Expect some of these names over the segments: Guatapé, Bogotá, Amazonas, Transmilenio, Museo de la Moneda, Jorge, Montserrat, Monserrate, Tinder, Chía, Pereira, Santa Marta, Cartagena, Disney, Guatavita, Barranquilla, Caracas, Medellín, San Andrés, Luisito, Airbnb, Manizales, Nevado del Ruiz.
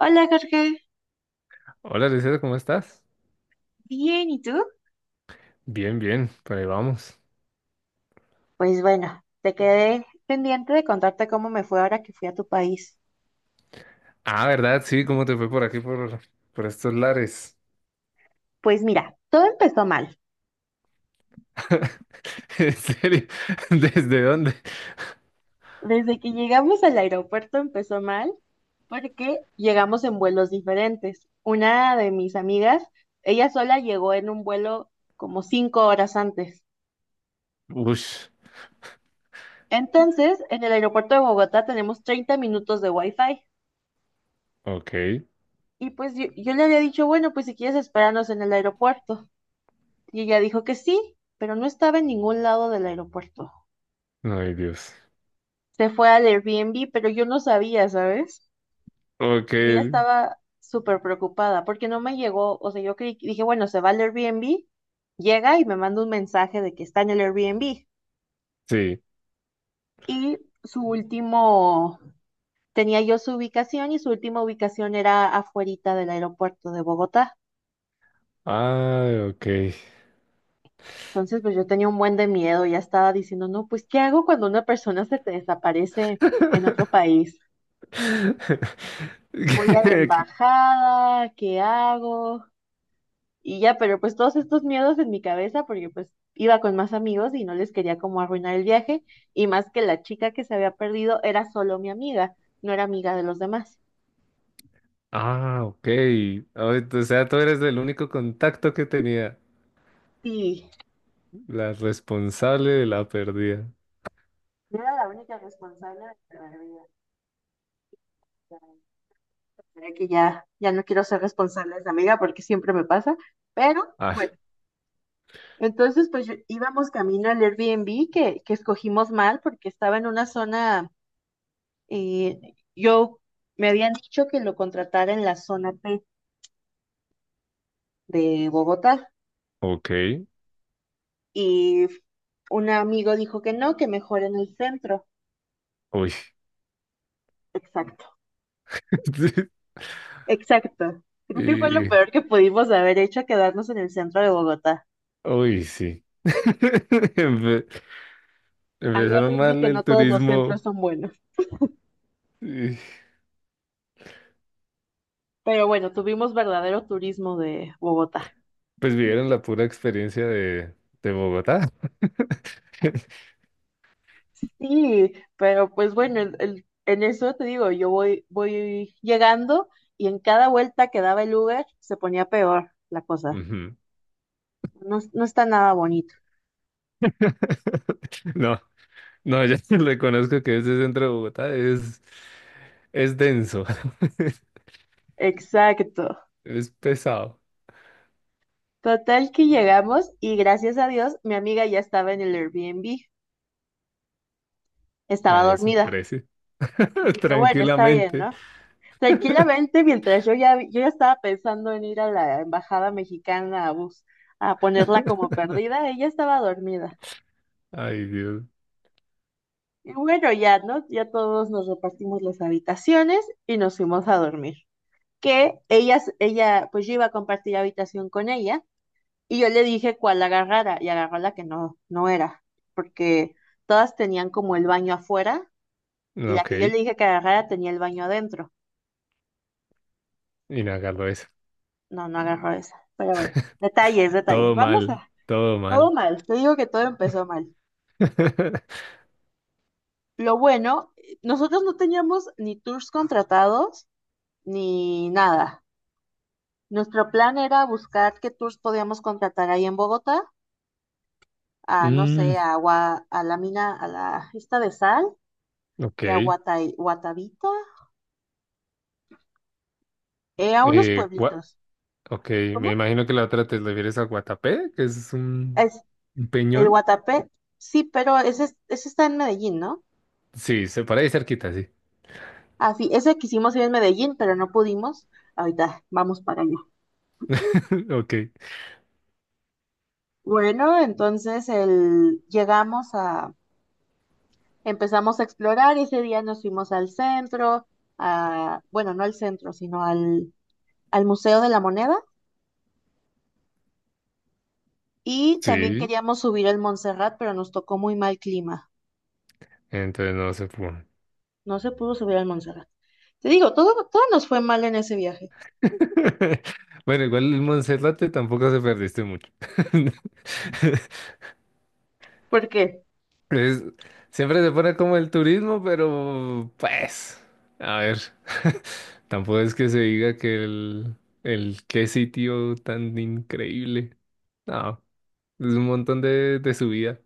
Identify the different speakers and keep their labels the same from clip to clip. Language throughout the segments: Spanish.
Speaker 1: Hola Jorge,
Speaker 2: Hola, Luisito, ¿cómo estás?
Speaker 1: bien, ¿y tú?
Speaker 2: Bien, bien, por ahí vamos.
Speaker 1: Pues bueno, te quedé pendiente de contarte cómo me fue ahora que fui a tu país.
Speaker 2: Ah, ¿verdad? Sí, ¿cómo te fue por aquí, por estos lares?
Speaker 1: Pues mira, todo empezó mal.
Speaker 2: ¿En serio? ¿Desde dónde?
Speaker 1: Desde que llegamos al aeropuerto empezó mal porque llegamos en vuelos diferentes. Una de mis amigas, ella sola llegó en un vuelo como 5 horas antes.
Speaker 2: Ush,
Speaker 1: Entonces, en el aeropuerto de Bogotá tenemos 30 minutos de wifi.
Speaker 2: ok.
Speaker 1: Y pues yo le había dicho, bueno, pues si quieres esperarnos en el aeropuerto. Y ella dijo que sí, pero no estaba en ningún lado del aeropuerto.
Speaker 2: Ay, Dios.
Speaker 1: Se fue al Airbnb, pero yo no sabía, ¿sabes?
Speaker 2: Ok,
Speaker 1: Yo ya estaba súper preocupada porque no me llegó, o sea, dije, bueno, se va al Airbnb, llega y me manda un mensaje de que está en el Airbnb.
Speaker 2: sí.
Speaker 1: Y su último, tenía yo su ubicación y su última ubicación era afuerita del aeropuerto de Bogotá.
Speaker 2: Ah, ok.
Speaker 1: Entonces, pues yo tenía un buen de miedo, ya estaba diciendo, no, pues, ¿qué hago cuando una persona se te desaparece en otro país? Voy a la
Speaker 2: ¿Qué?
Speaker 1: embajada, ¿qué hago? Y ya, pero pues todos estos miedos en mi cabeza, porque pues iba con más amigos y no les quería como arruinar el viaje, y más que la chica que se había perdido era solo mi amiga, no era amiga de los demás.
Speaker 2: Ah, ok. Ay, o sea, tú eres el único contacto que tenía,
Speaker 1: Sí,
Speaker 2: la responsable de la pérdida.
Speaker 1: yo era la única responsable de mi pérdida. Ya, creo que ya, ya no quiero ser responsable de esa amiga porque siempre me pasa, pero
Speaker 2: Ah,
Speaker 1: bueno, entonces íbamos camino al Airbnb que escogimos mal porque estaba en una zona. Y yo me habían dicho que lo contratara en la zona P de Bogotá
Speaker 2: ok.
Speaker 1: y un amigo dijo que no, que mejor en el centro.
Speaker 2: Uy.
Speaker 1: Exacto, exacto. Creo que fue lo
Speaker 2: Y-
Speaker 1: peor que pudimos haber hecho, quedarnos en el centro de Bogotá.
Speaker 2: Uy, sí. Empe-
Speaker 1: Ahí
Speaker 2: empezaron
Speaker 1: aprendí
Speaker 2: mal
Speaker 1: que
Speaker 2: el
Speaker 1: no todos los centros
Speaker 2: turismo.
Speaker 1: son buenos.
Speaker 2: Y,
Speaker 1: Pero bueno, tuvimos verdadero turismo de Bogotá.
Speaker 2: pues vivieron la pura experiencia de Bogotá.
Speaker 1: Sí, pero pues bueno, en eso te digo, yo voy llegando y en cada vuelta que daba el Uber se ponía peor la cosa.
Speaker 2: Ujú.
Speaker 1: No, no está nada bonito.
Speaker 2: No, no, ya reconozco que ese centro de Bogotá es denso.
Speaker 1: Exacto.
Speaker 2: Es pesado.
Speaker 1: Total que llegamos y gracias a Dios mi amiga ya estaba en el Airbnb, estaba
Speaker 2: A eso
Speaker 1: dormida.
Speaker 2: parece.
Speaker 1: Y dije, bueno, está bien,
Speaker 2: Tranquilamente.
Speaker 1: ¿no? Tranquilamente, mientras yo ya estaba pensando en ir a la embajada mexicana a ponerla como perdida, ella estaba dormida.
Speaker 2: Ay, Dios.
Speaker 1: Y bueno, ya, ¿no? Ya todos nos repartimos las habitaciones y nos fuimos a dormir. Que pues yo iba a compartir habitación con ella. Y yo le dije cuál agarrara y agarró la que no era, porque todas tenían como el baño afuera y
Speaker 2: No,
Speaker 1: la
Speaker 2: ok,
Speaker 1: que yo le dije que agarrara tenía el baño adentro.
Speaker 2: inhalarlo eso.
Speaker 1: No, no agarró esa. Pero bueno, detalles, detalles.
Speaker 2: Todo
Speaker 1: Vamos
Speaker 2: mal,
Speaker 1: a...
Speaker 2: todo
Speaker 1: Todo
Speaker 2: mal.
Speaker 1: mal, te digo que todo empezó mal. Lo bueno, nosotros no teníamos ni tours contratados ni nada. Nuestro plan era buscar qué tours podíamos contratar ahí en Bogotá, a no
Speaker 2: Mm,
Speaker 1: sé, a la mina, a la esta de sal
Speaker 2: ok.
Speaker 1: y a Guatavita, a unos
Speaker 2: Eh, gua-
Speaker 1: pueblitos.
Speaker 2: ok, me
Speaker 1: ¿Cómo?
Speaker 2: imagino que la otra te refieres a Guatapé, que es un,
Speaker 1: Es
Speaker 2: un
Speaker 1: el
Speaker 2: peñón.
Speaker 1: Guatapé. Sí, pero ese, ese está en Medellín, ¿no?
Speaker 2: Sí, se para ahí cerquita, sí.
Speaker 1: Ah, sí, ese quisimos ir en Medellín, pero no pudimos. Ahorita vamos para allá.
Speaker 2: Ok.
Speaker 1: Bueno, entonces llegamos a, empezamos a explorar. Y ese día nos fuimos al centro, a, bueno, no al centro, sino al Museo de la Moneda. Y también
Speaker 2: Sí,
Speaker 1: queríamos subir al Montserrat, pero nos tocó muy mal clima.
Speaker 2: entonces no se pudo.
Speaker 1: No se pudo subir al Montserrat. Te digo, todo, todo nos fue mal en ese viaje.
Speaker 2: Bueno, igual el Monserrate tampoco se perdiste mucho.
Speaker 1: ¿Por qué?
Speaker 2: Es- Siempre se pone como el turismo, pero pues, a ver, tampoco es que se diga que el qué sitio tan increíble. No, es un montón de subida.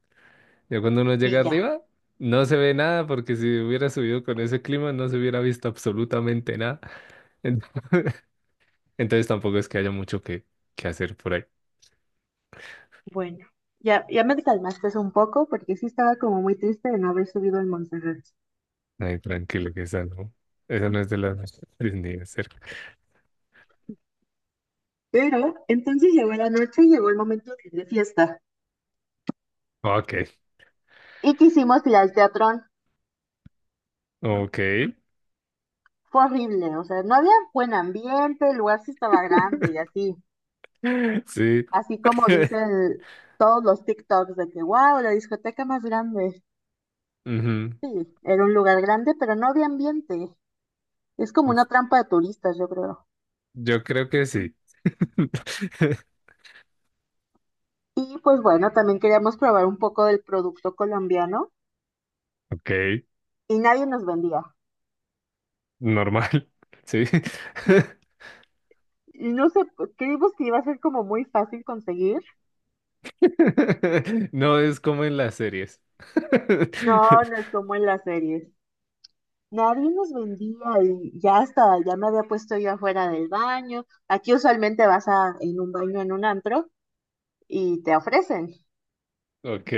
Speaker 2: Ya cuando uno
Speaker 1: Y
Speaker 2: llega
Speaker 1: ya,
Speaker 2: arriba, no se ve nada porque si hubiera subido con ese clima no se hubiera visto absolutamente nada. En- Entonces tampoco es que haya mucho que hacer por ahí.
Speaker 1: bueno, ya me calmaste un poco porque sí estaba como muy triste de no haber subido al Montserrat.
Speaker 2: Ay, tranquilo, que esa no, es de las Disney de cerca.
Speaker 1: Pero entonces llegó la noche y llegó el momento de ir de fiesta.
Speaker 2: Ok,
Speaker 1: Y quisimos ir al teatrón.
Speaker 2: ok.
Speaker 1: Fue horrible, o sea, no había buen ambiente, el lugar sí estaba grande y así.
Speaker 2: Sí.
Speaker 1: Así como dicen todos los TikToks de que, wow, la discoteca más grande.
Speaker 2: Ujú.
Speaker 1: Sí, era un lugar grande, pero no había ambiente. Es como una trampa de turistas, yo creo.
Speaker 2: Yo creo que sí.
Speaker 1: Y pues bueno, también queríamos probar un poco del producto colombiano
Speaker 2: Ok,
Speaker 1: y nadie nos vendía.
Speaker 2: normal. Sí.
Speaker 1: Y no sé, pues, creímos que iba a ser como muy fácil conseguir.
Speaker 2: No es como en las series.
Speaker 1: No, no es como en las series. Nadie nos vendía y ya hasta, ya me había puesto yo afuera del baño. Aquí usualmente vas a, en un baño, en un antro y te ofrecen.
Speaker 2: Ok.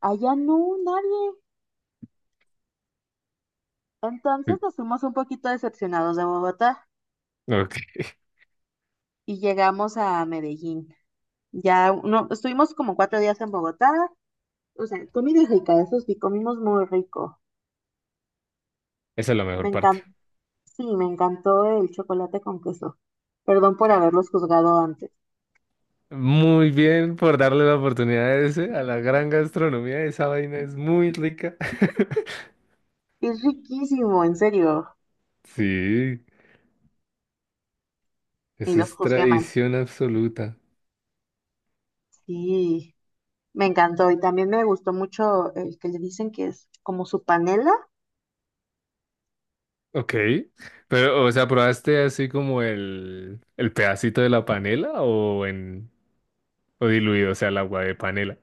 Speaker 1: Allá no, nadie. Entonces nos fuimos un poquito decepcionados de Bogotá
Speaker 2: Ok.
Speaker 1: y llegamos a Medellín. Ya no, estuvimos como 4 días en Bogotá. O sea, comida rica, eso sí, comimos muy rico.
Speaker 2: Esa es la
Speaker 1: Me
Speaker 2: mejor parte.
Speaker 1: encantó. Sí, me encantó el chocolate con queso. Perdón por haberlos juzgado antes.
Speaker 2: Muy bien por darle la oportunidad a la gran gastronomía. Esa vaina es muy rica.
Speaker 1: Es riquísimo, en serio.
Speaker 2: Sí,
Speaker 1: Y
Speaker 2: eso
Speaker 1: los
Speaker 2: es
Speaker 1: juzgué mal.
Speaker 2: tradición absoluta.
Speaker 1: Sí, me encantó. Y también me gustó mucho el que le dicen que es como su panela,
Speaker 2: Ok, pero, o sea, ¿probaste así como el pedacito de la panela o diluido, o sea, el agua de panela?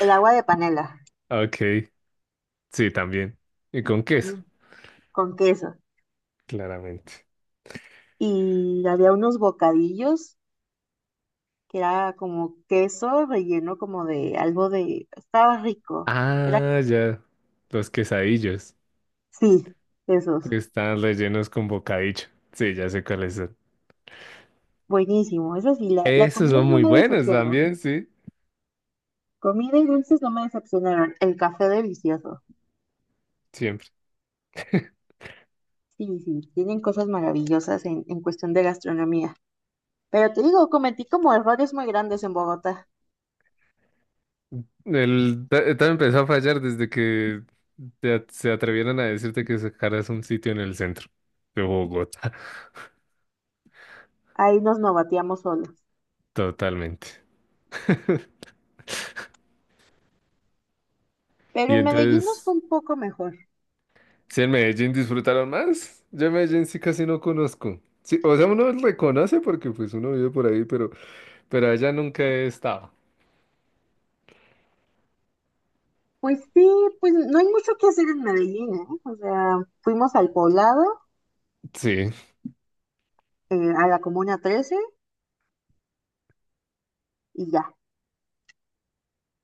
Speaker 1: el agua de panela,
Speaker 2: Ok, sí, también. Y con queso,
Speaker 1: también con queso.
Speaker 2: claramente.
Speaker 1: Y había unos bocadillos que era como queso relleno como de algo de... Estaba rico. Era...
Speaker 2: Ah, ya. Los quesadillos
Speaker 1: Sí, esos.
Speaker 2: que están rellenos con bocadillo. Sí, ya sé cuáles son.
Speaker 1: Buenísimo. Eso sí, la
Speaker 2: Esos
Speaker 1: comida
Speaker 2: son
Speaker 1: no
Speaker 2: muy
Speaker 1: me
Speaker 2: buenos
Speaker 1: decepcionó.
Speaker 2: también, sí,
Speaker 1: Comida y dulces no me decepcionaron. El café delicioso.
Speaker 2: siempre.
Speaker 1: Sí, sí, tienen cosas maravillosas en cuestión de gastronomía. Pero te digo, cometí como errores muy grandes en Bogotá.
Speaker 2: Empezó a fallar desde que se atrevieron a decirte que sacaras un sitio en el centro de Bogotá,
Speaker 1: Ahí nos novateamos solos.
Speaker 2: totalmente.
Speaker 1: Pero
Speaker 2: Y
Speaker 1: en Medellín nos fue
Speaker 2: entonces,
Speaker 1: un poco mejor.
Speaker 2: si en Medellín disfrutaron más, yo en Medellín sí casi no conozco. Sí, o sea, uno reconoce porque pues uno vive por ahí, pero, allá nunca he estado.
Speaker 1: Pues sí, pues no hay mucho que hacer en Medellín, ¿eh? O sea, fuimos al poblado,
Speaker 2: Sí,
Speaker 1: a la Comuna 13 y ya.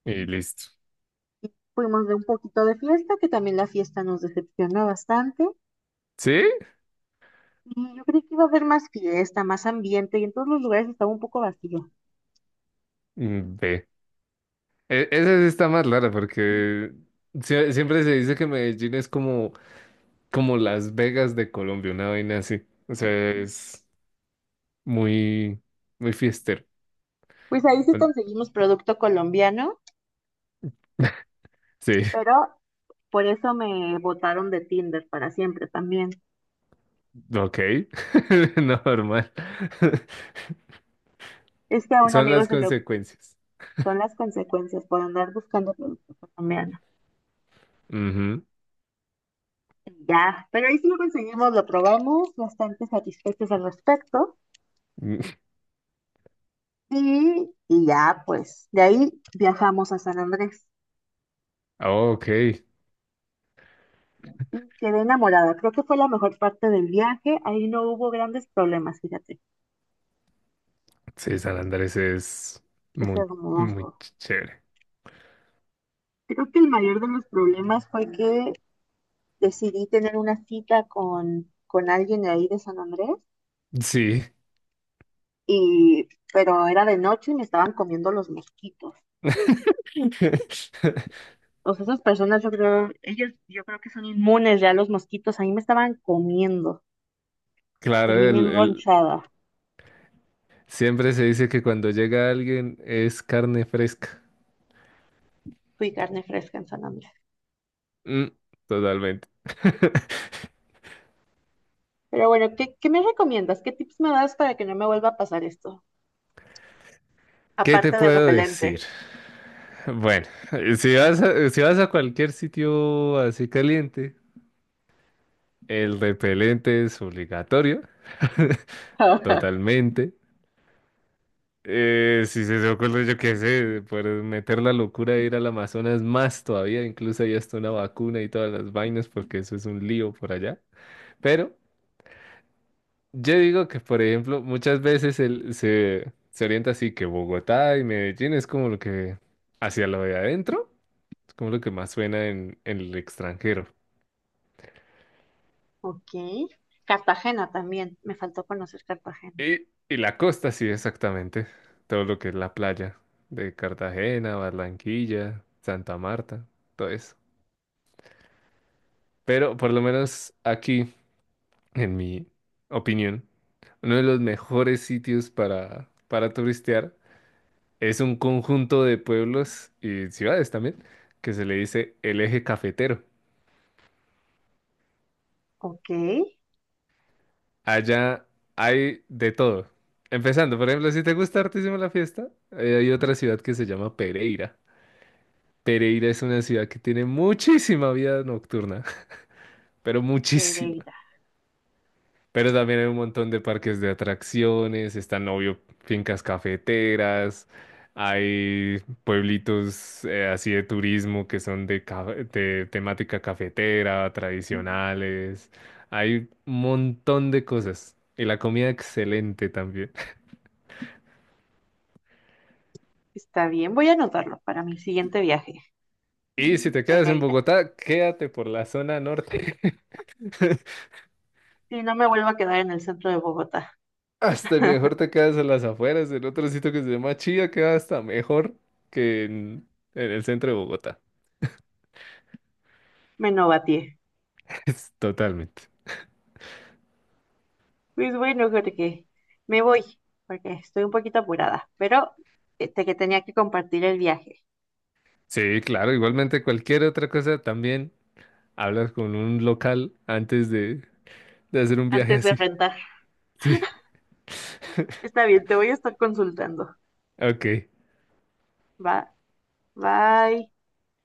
Speaker 2: y listo.
Speaker 1: Y fuimos de un poquito de fiesta, que también la fiesta nos decepcionó bastante.
Speaker 2: ¿Sí?
Speaker 1: Y yo creí que iba a haber más fiesta, más ambiente, y en todos los lugares estaba un poco vacío.
Speaker 2: Mm, ve. Esa sí está más rara porque siempre se dice que Medellín es como Las Vegas de Colombia, una vaina así. O sea, es muy, muy fiestero.
Speaker 1: Pues ahí sí
Speaker 2: Bueno,
Speaker 1: conseguimos producto colombiano,
Speaker 2: sí,
Speaker 1: pero por eso me botaron de Tinder para siempre también.
Speaker 2: ok, normal.
Speaker 1: Es que a un
Speaker 2: Son
Speaker 1: amigo
Speaker 2: las
Speaker 1: se le oc-
Speaker 2: consecuencias.
Speaker 1: son las consecuencias por andar buscando producto colombiano.
Speaker 2: Ujú.
Speaker 1: Y ya, pero ahí sí lo conseguimos, lo probamos, bastante satisfechos al respecto.
Speaker 2: Mm,
Speaker 1: Y ya, pues, de ahí viajamos a San Andrés.
Speaker 2: ah, ok,
Speaker 1: Y quedé enamorada. Creo que fue la mejor parte del viaje. Ahí no hubo grandes problemas, fíjate.
Speaker 2: sí, San Andrés es
Speaker 1: Es
Speaker 2: muy, muy
Speaker 1: hermoso.
Speaker 2: ch- chévere.
Speaker 1: Creo que el mayor de los problemas fue que decidí tener una cita con alguien de ahí de San Andrés,
Speaker 2: Sí.
Speaker 1: y, pero era de noche y me estaban comiendo los mosquitos. O sea, esas personas, yo creo, ellos, yo creo que son inmunes ya a los mosquitos. A mí me estaban comiendo.
Speaker 2: Claro,
Speaker 1: Terminé enronchada.
Speaker 2: siempre se dice que cuando llega alguien es carne fresca.
Speaker 1: Fui carne fresca en San Andrés.
Speaker 2: Mm, totalmente.
Speaker 1: Pero bueno, ¿qué me recomiendas? ¿Qué tips me das para que no me vuelva a pasar esto?
Speaker 2: ¿Qué te
Speaker 1: Aparte del
Speaker 2: puedo decir?
Speaker 1: repelente.
Speaker 2: Bueno, si vas a cualquier sitio así caliente, el repelente es obligatorio, totalmente. Si se te ocurre, yo qué sé, por meter la locura de ir al Amazonas más todavía, incluso hay hasta una vacuna y todas las vainas, porque eso es un lío por allá. Pero yo digo que, por ejemplo, muchas veces se orienta así que Bogotá y Medellín es como lo que hacia lo de adentro, es como lo que más suena en el extranjero.
Speaker 1: Ok. Cartagena también. Me faltó conocer Cartagena.
Speaker 2: Y la costa, sí, exactamente. Todo lo que es la playa de Cartagena, Barranquilla, Santa Marta, todo eso. Pero por lo menos aquí, en mi opinión, uno de los mejores sitios para turistear es un conjunto de pueblos y ciudades también, que se le dice el eje cafetero.
Speaker 1: Ok.
Speaker 2: Allá hay de todo. Empezando, por ejemplo, si te gusta hartísimo la fiesta, hay otra ciudad que se llama Pereira. Pereira es una ciudad que tiene muchísima vida nocturna, pero muchísima.
Speaker 1: Pereira.
Speaker 2: Pero también hay un montón de parques de atracciones, están, obvio, fincas cafeteras, hay pueblitos así de turismo que son de temática cafetera, tradicionales. Hay un montón de cosas. Y la comida excelente también.
Speaker 1: Está bien, voy a anotarlo para mi siguiente viaje,
Speaker 2: Y si te quedas en
Speaker 1: Pereira.
Speaker 2: Bogotá, quédate por la zona norte.
Speaker 1: Si no me vuelvo a quedar en el centro de Bogotá,
Speaker 2: Hasta mejor te quedas en las afueras, en otro sitio que se llama Chía, queda hasta mejor que en el centro de Bogotá.
Speaker 1: me novateé.
Speaker 2: Es totalmente.
Speaker 1: Pues bueno, Jorge, me voy, porque estoy un poquito apurada, pero este que tenía que compartir el viaje
Speaker 2: Sí, claro, igualmente cualquier otra cosa también hablas con un local antes de hacer un viaje
Speaker 1: antes de
Speaker 2: así.
Speaker 1: rentar.
Speaker 2: Sí,
Speaker 1: Está bien, te voy a estar consultando.
Speaker 2: ok.
Speaker 1: Va, bye.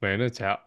Speaker 2: Bueno, chao.